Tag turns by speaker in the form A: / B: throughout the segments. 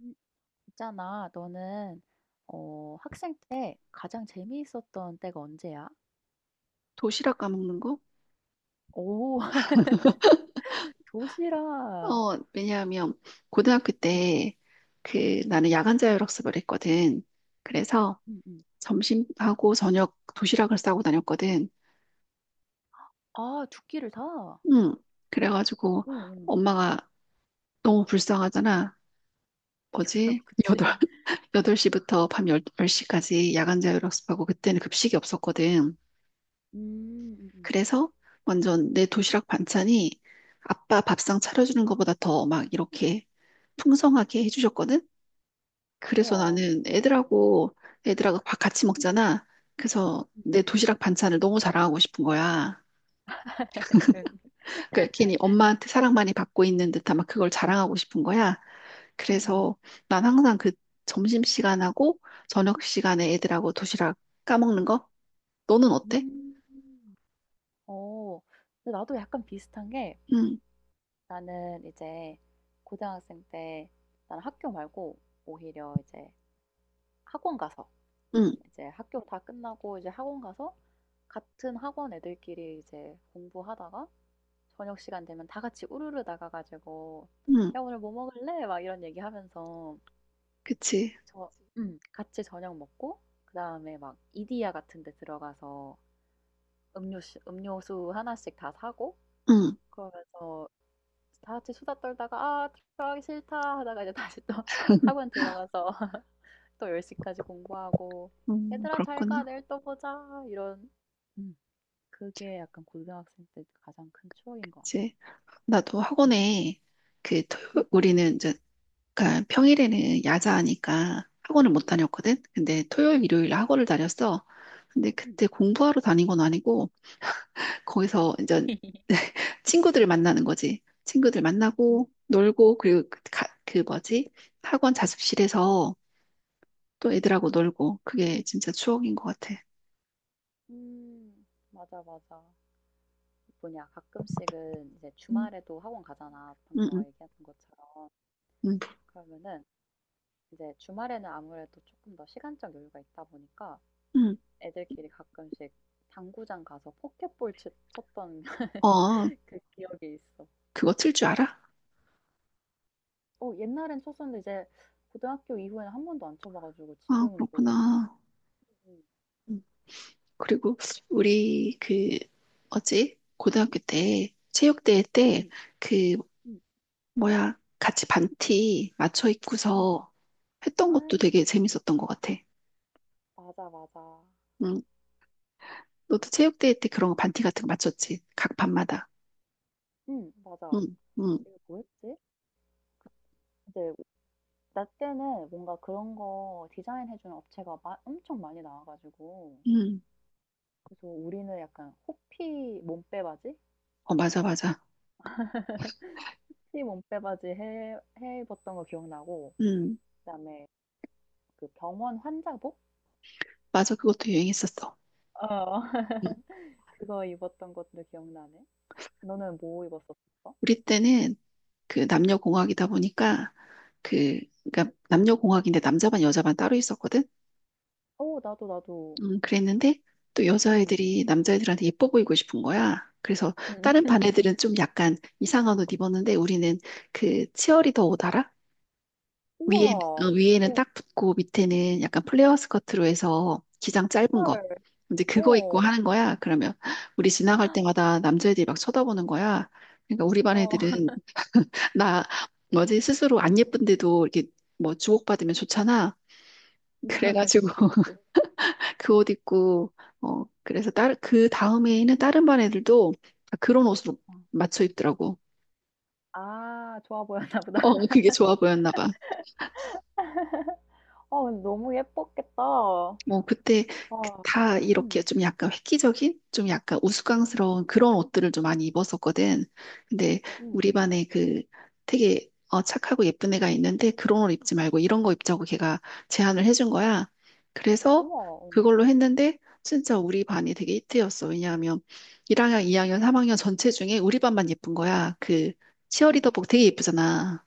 A: 음, 있잖아, 너는 어, 학생 때 가장 재미있었던 때가 언제야?
B: 도시락 까먹는 거?
A: 오, 도시락.
B: 왜냐하면 고등학교
A: 응,
B: 때
A: 응,
B: 나는
A: 응,
B: 야간 자율학습을 했거든. 그래서
A: 응. 응.
B: 점심하고 저녁 도시락을 싸고 다녔거든.
A: 아, 두 끼를 다?
B: 응. 그래가지고
A: 응, 응.
B: 엄마가 너무 불쌍하잖아. 뭐지?
A: 그치.
B: 여덟 8시부터 밤 10 시까지 야간 자율학습하고 그때는 급식이 없었거든.
A: 음, 음, 음.
B: 그래서 완전 내 도시락 반찬이 아빠 밥상 차려주는 것보다 더 막 이렇게 풍성하게 해주셨거든. 그래서
A: 우와.
B: 나는 애들하고 밥 같이 먹잖아. 그래서
A: 응,
B: 내
A: 응,
B: 도시락 반찬을 너무 자랑하고 싶은 거야.
A: 응.
B: 그러니까 괜히 엄마한테 사랑 많이 받고 있는 듯한 막 그걸 자랑하고 싶은 거야.
A: 음,
B: 그래서 난 항상 점심 시간하고 저녁 시간에 애들하고 도시락 까먹는 거? 너는 어때?
A: 음. 어, 근데 나도 약간 비슷한 게
B: 응,
A: 나는 이제 고등학생 때 나는 학교 말고 오히려 이제 학원 가서
B: 응,
A: 이제 학교 다 끝나고 이제 학원 가서 같은 학원 애들끼리 이제 공부하다가 저녁 시간 되면 다 같이 우르르 나가 가지고
B: 응.
A: "야 오늘 뭐 먹을래?" 막 이런 얘기하면서
B: 그치.
A: 저 그치. 같이 저녁 먹고 그다음에 막 이디야 같은 데 들어가서 음료 음료수 하나씩 다 사고
B: 응.
A: 그러면서 다 같이 수다 떨다가 '아 들어가기 싫다.' 하다가 이제 다시 또 학원 들어가서 또 10시 시까지 공부하고 "얘들아 잘 가.
B: 그렇구나.
A: 내일 또 보자." 이런. 음. 그게 약간 고등학생 때 가장 큰 추억인 것 같아.
B: 그치. 나도
A: 음.
B: 학원에.
A: 음음.
B: 우리는 이제 그러니까 평일에는 야자하니까 학원을 못
A: 음.
B: 다녔거든. 근데 토요일,
A: 음.
B: 일요일 학원을 다녔어. 근데
A: 음.
B: 그때 공부하러 다닌 건 아니고
A: 음.
B: 거기서 이제 친구들을 만나는 거지. 친구들
A: 음.
B: 만나고
A: 음.
B: 놀고 그리고 뭐지? 학원 자습실에서 또
A: 음.
B: 애들하고 놀고 그게 진짜 추억인 것 같아.
A: 맞아, 맞아. 뭐냐, 가끔씩은 이제
B: 응,
A: 주말에도 학원 가잖아. 방금
B: 응,
A: 너가
B: 응,
A: 얘기했던 것처럼.
B: 응.
A: 그러면은 이제 주말에는 아무래도 조금 더 시간적 여유가 있다 보니까
B: 응.
A: 애들끼리 가끔씩 당구장 가서 포켓볼 쳤던
B: 어,
A: 그 기억이 있어.
B: 그거 틀 줄 알아?
A: 어, 옛날엔 쳤었는데 이제 고등학교 이후에는 한 번도 안 쳐봐가지고
B: 아,
A: 지금은 또.
B: 그렇구나.
A: 음,
B: 음. 그리고 우리 그 어지 고등학교 때 체육대회 때
A: 음,
B: 그
A: 음.
B: 뭐야 같이 반티 맞춰
A: 음.
B: 입고서 했던
A: 아
B: 것도 되게 재밌었던 것 같아.
A: 맞아, 맞아.
B: 응. 너도 체육대회 때 그런 거 반티 같은 거 맞췄지? 각 반마다.
A: 응 맞아.
B: 응, 응,
A: 우리가 뭐 했지? 이제 나 때는 뭔가 그런 거 디자인해주는 업체가 마, 엄청 많이 나와가지고
B: 응.
A: 그래서 우리는 약간 호피 몸빼바지?
B: 어, 맞아, 맞아.
A: 호피 몸빼바지 해 입었던 거 기억나고
B: 응,
A: 그다음에 그 병원 환자복?
B: 맞아. 그것도 유행했었어.
A: 어
B: 응.
A: 그거 입었던 것도 기억나네. 너는 뭐 입었었어?
B: 우리 때는 남녀공학이다 보니까 그 그러니까 남녀공학인데 남자반 여자반 따로 있었거든.
A: 어 나도 나도.
B: 그랬는데 또
A: 응
B: 여자애들이 남자애들한테 예뻐 보이고 싶은 거야. 그래서
A: 응.
B: 다른 반 애들은 좀 약간 이상한 옷 입었는데 우리는 그 치어리더 옷 알아? 위에,
A: 우와.
B: 위에는
A: 어.
B: 딱 붙고 밑에는 약간 플레어 스커트로 해서 기장 짧은 거.
A: 헐.
B: 이제 그거 입고
A: 어,
B: 하는 거야. 그러면 우리 지나갈 때마다 남자애들이 막 쳐다보는 거야. 그러니까 우리 반
A: 어,
B: 애들은 나 뭐지 스스로 안 예쁜데도 이렇게 뭐 주목받으면 좋잖아. 그래가지고
A: 그치, 그치.
B: 그
A: 어.
B: 옷 입고 그래서 다른 그 다음에 있는 다른 반 애들도 다 그런 옷으로
A: 어.
B: 맞춰 입더라고.
A: 아 좋아 보였나 보다.
B: 그게 좋아 보였나 봐.
A: 어 근데 너무 예뻤겠다. 와.
B: 뭐 그때 그다 이렇게
A: 음.
B: 좀 약간 획기적인, 좀 약간
A: 음.
B: 우스꽝스러운 그런 옷들을 좀 많이 입었었거든. 근데 우리
A: 음음.
B: 반에 되게 착하고 예쁜 애가 있는데 그런 옷 입지 말고 이런 거 입자고 걔가 제안을 해준 거야. 그래서
A: 우와. 어.
B: 그걸로 했는데 진짜 우리 반이 되게 히트였어. 왜냐하면 1학년, 2학년,
A: 음.
B: 3학년 전체 중에 우리 반만 예쁜 거야. 그 치어리더복 되게 예쁘잖아.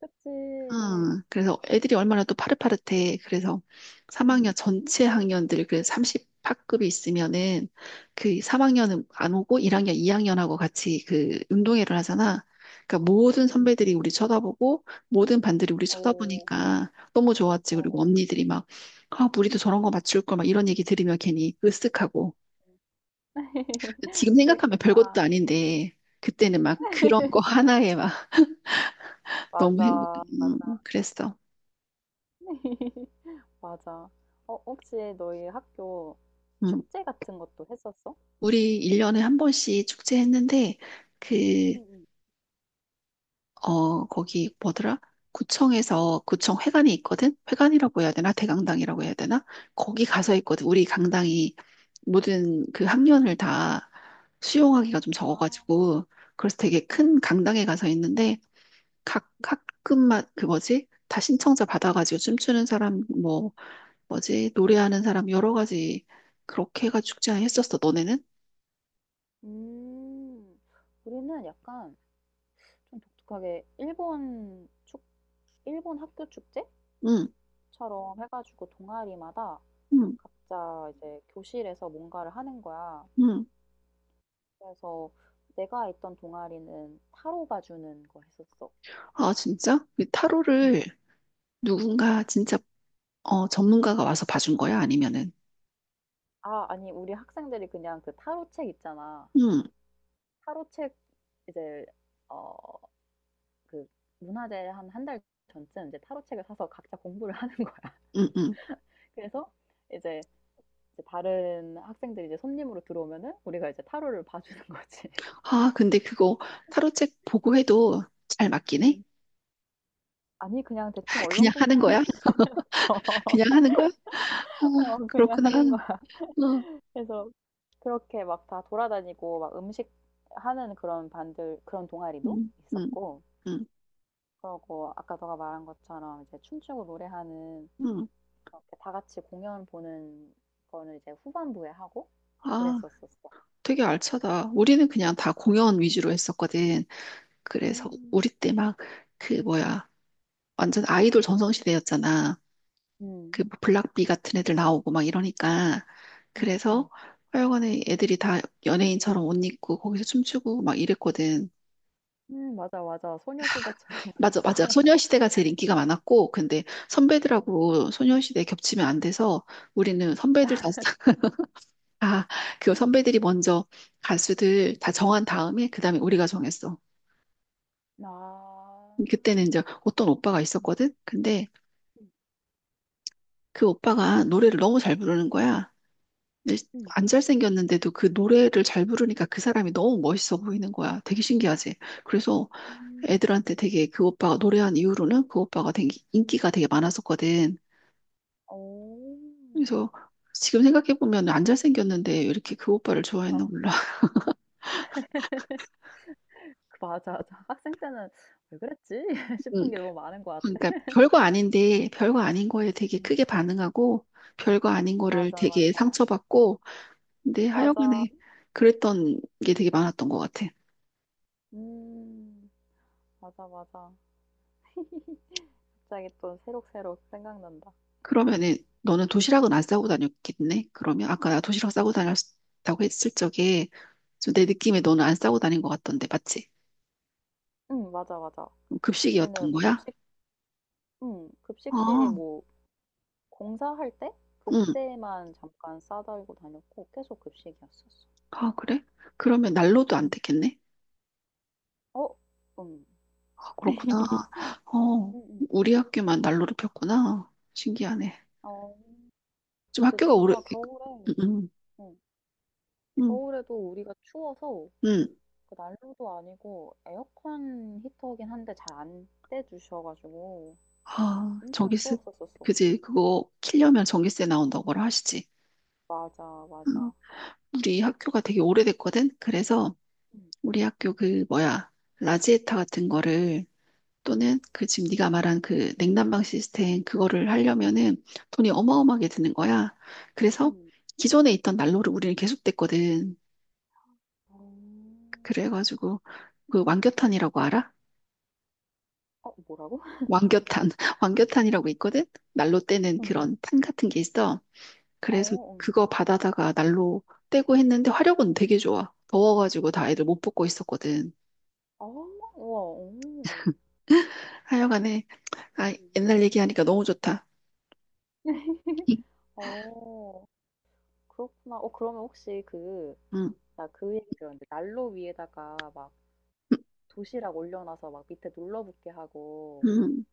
A: 그치.
B: 아, 그래서 애들이 얼마나 또 파릇파릇해. 그래서 3학년
A: 음.
B: 전체 학년들 그 30학급이 있으면은 그
A: 음.
B: 3학년은 안 오고 1학년, 2학년하고 같이 그 운동회를 하잖아. 그러니까 모든
A: 음음.
B: 선배들이 우리 쳐다보고 모든 반들이 우리
A: 어.
B: 쳐다보니까 너무 좋았지. 그리고
A: 어어.
B: 언니들이 막 아, 우리도 저런 거 맞출 걸 막 이런 얘기 들으면 괜히 으쓱하고 지금 생각하면 별것도
A: 그랬겠다.
B: 아닌데 그때는 막 그런 거 하나에 막 너무
A: 맞아. 맞아.
B: 그랬어.
A: 맞아. 어 혹시 너희 학교
B: 음.
A: 축제 같은 것도 했었어?
B: 우리 1년에 한 번씩 축제했는데, 그,
A: 응,
B: 거기 뭐더라? 구청 회관이 있거든? 회관이라고 해야 되나?
A: 응.
B: 대강당이라고 해야 되나? 거기 가서 있거든.
A: 응.
B: 우리 강당이 모든 그 학년을 다 수용하기가 좀
A: 아.
B: 적어가지고, 그래서 되게
A: 응, 응,
B: 큰 강당에 가서 있는데, 각
A: 음.
B: 학급마다, 그 뭐지? 다 신청자 받아가지고 춤추는 사람, 뭐, 뭐지? 노래하는 사람 여러 가지 그렇게 해가 축제 했었어, 너네는?
A: 음. 우리는 약간 좀 독특하게 일본 학교
B: 응,
A: 축제처럼 해 가지고 동아리마다
B: 응,
A: 각자 이제 교실에서 뭔가를 하는 거야.
B: 응.
A: 그래서 내가 있던 동아리는 타로 봐 주는 거 했었어.
B: 아, 진짜? 이
A: 응.
B: 타로를
A: 응.
B: 누군가 진짜 전문가가 와서 봐준 거야? 아니면은?
A: 아 아니 우리 학생들이 그냥 그 타로 책 있잖아.
B: 응,
A: 타로 책 이제 어 그 문화재 한 한 달 전쯤 이제 타로 책을 사서 각자 공부를 하는 거야.
B: 응, 응.
A: 그래서 이제 이제 다른 학생들이 이제 손님으로 들어오면은 우리가 이제 타로를 봐 주는 거지.
B: 아, 근데 그거 타로 책 보고 해도 잘 맞긴 해?
A: 음. 아니 그냥 대충
B: 그냥 하는
A: 얼렁뚱땅.
B: 거야? 그냥 하는 거야?
A: 어
B: 아,
A: 그냥
B: 그렇구나.
A: 하는 거야.
B: 어,
A: 그래서 그렇게 막 다 돌아다니고 막 음식 하는 그런 반들 그런 동아리도
B: 응, 응,
A: 있었고
B: 응,
A: 그러고 아까 너가 말한 것처럼 이제 춤추고 노래하는
B: 응.
A: 그렇게 다 같이 공연 보는 거는 이제 후반부에 하고
B: 아,
A: 그랬었었어.
B: 되게 알차다. 우리는 그냥 다 공연 위주로 했었거든. 그래서
A: 음.
B: 우리 때 막 그 뭐야. 완전 아이돌 전성시대였잖아. 그
A: 음.
B: 뭐 블락비 같은 애들 나오고 막 이러니까
A: 음.
B: 그래서
A: 음.
B: 하여간에 애들이 다 연예인처럼 옷 입고 거기서 춤추고 막 이랬거든.
A: 맞아, 맞아. 소녀시대처럼 막
B: 맞아,
A: 입고.
B: 맞아. 소녀시대가 제일 인기가 많았고 근데 선배들하고 소녀시대 겹치면 안 돼서 우리는 선배들 다, 아, 그 선배들이 먼저 가수들 다 정한 다음에 그다음에 우리가 정했어.
A: 아.
B: 그때는 이제 어떤 오빠가
A: 음.
B: 있었거든. 근데
A: 음.
B: 그 오빠가 노래를 너무 잘 부르는 거야. 근데 안 잘생겼는데도 그 노래를 잘 부르니까 그 사람이 너무 멋있어 보이는 거야. 되게 신기하지? 그래서
A: 음.
B: 애들한테
A: 음.
B: 되게 그 오빠가 노래한 이후로는 그 오빠가 되게 인기가 되게 많았었거든.
A: 어.
B: 그래서 지금 생각해보면 안 잘생겼는데 왜 이렇게 그 오빠를 좋아했나
A: 아.
B: 몰라.
A: 그 맞아, 맞아. 학생 때는 '왜 그랬지?'
B: 응.
A: 싶은 게 너무 많은 것 같아.
B: 그러니까 별거 아닌데 별거 아닌 거에 되게
A: 음.
B: 크게 반응하고 별거 아닌 거를
A: 맞아,
B: 되게
A: 맞아.
B: 상처받고 근데
A: 맞아.
B: 하여간에 그랬던 게 되게 많았던 것 같아.
A: 음. 맞아, 맞아. 갑자기 또 새록새록 생각난다.
B: 그러면은 너는 도시락은
A: 음.
B: 안 싸고 다녔겠네? 그러면 아까 나 도시락 싸고 다녔다고 했을 적에 좀 내
A: 음.
B: 느낌에 너는 안 싸고 다닌 것 같던데, 맞지?
A: 맞아, 맞아. 우리는
B: 급식이었던
A: 뭐
B: 거야?
A: 급식. 급식실이
B: 아,
A: 뭐 공사할 때
B: 응.
A: 그때만 잠깐 싸 들고 다녔고 계속 급식이었었어.
B: 아, 그래? 그러면 난로도 안
A: 음.
B: 됐겠네?
A: 어 음.
B: 아, 그렇구나. 어,
A: 음음.
B: 우리 학교만 난로를 폈구나. 신기하네.
A: 어.
B: 좀
A: 근데
B: 학교가 오래,
A: 진짜 겨울에
B: 응,
A: 음
B: 응,
A: 겨울에도 우리가 추워서
B: 응.
A: 그 난로도 아니고 에어컨 히터긴 한데 잘 안 떼 주셔 가지고
B: 아,
A: 엄청
B: 전기세,
A: 추웠었었어.
B: 그지? 그거 키려면 전기세 나온다고 하시지.
A: 맞아,
B: 응.
A: 맞아.
B: 우리 학교가 되게 오래됐거든? 그래서
A: 음.
B: 우리 학교 그 뭐야 라지에타 같은 거를
A: 음.
B: 또는 그 지금 네가 말한 그 냉난방 시스템 그거를 하려면은 돈이
A: 음.
B: 어마어마하게 드는 거야. 그래서
A: 음.
B: 기존에 있던 난로를 우리는 계속 뗐거든.
A: 어.
B: 그래가지고 그
A: 음.
B: 왕겨탄이라고 알아?
A: 어 뭐라고?
B: 왕겨탄, 왕겨탄이라고 있거든. 난로 떼는
A: 음음.
B: 그런 탄 같은 게 있어. 그래서
A: 어
B: 그거 받아다가 난로 떼고 했는데 화력은 되게 좋아. 더워가지고 다 애들 못 뽑고 있었거든.
A: 어. 우와. 어.
B: 하여간에 아
A: 음음.
B: 옛날 얘기하니까 너무 좋다.
A: 어. 그렇구나. 어 그러면 혹시 그
B: 응.
A: 나 그 얘기 들었는데 난로 위에다가 막 도시락 올려놔서 막 밑에 눌러붙게 하고
B: 음,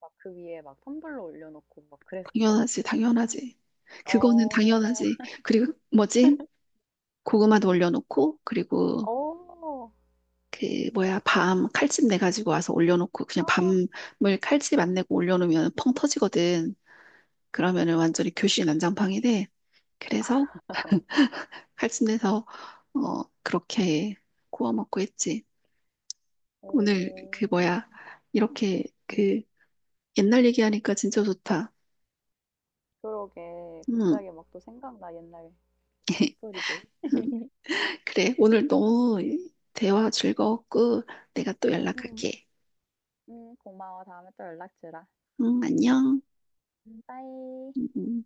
A: 막 그 위에 막 텀블러 올려놓고 막 그랬었어?
B: 당연하지, 당연하지. 그거는
A: 어.
B: 당연하지. 그리고 뭐지? 고구마도 올려놓고, 그리고
A: 어.
B: 그 뭐야, 밤 칼집 내 가지고 와서 올려놓고, 그냥 밤을 칼집 안 내고 올려놓으면 펑 터지거든.
A: 음음.
B: 그러면은 완전히 교실 난장판이 돼. 그래서 칼집 내서 그렇게 구워 먹고 했지. 오늘 그
A: 오.
B: 뭐야, 이렇게
A: 음.
B: 그 옛날 얘기하니까 진짜 좋다.
A: 그러게.
B: 음,
A: 갑자기 막 또 생각나 옛날 스토리들.
B: 그래, 오늘 너무 대화 즐거웠고, 내가 또
A: 응 응.
B: 연락할게.
A: 응 고마워. 다음에 또 연락 주라.
B: 응, 안녕.
A: 빠이.
B: 음. 음.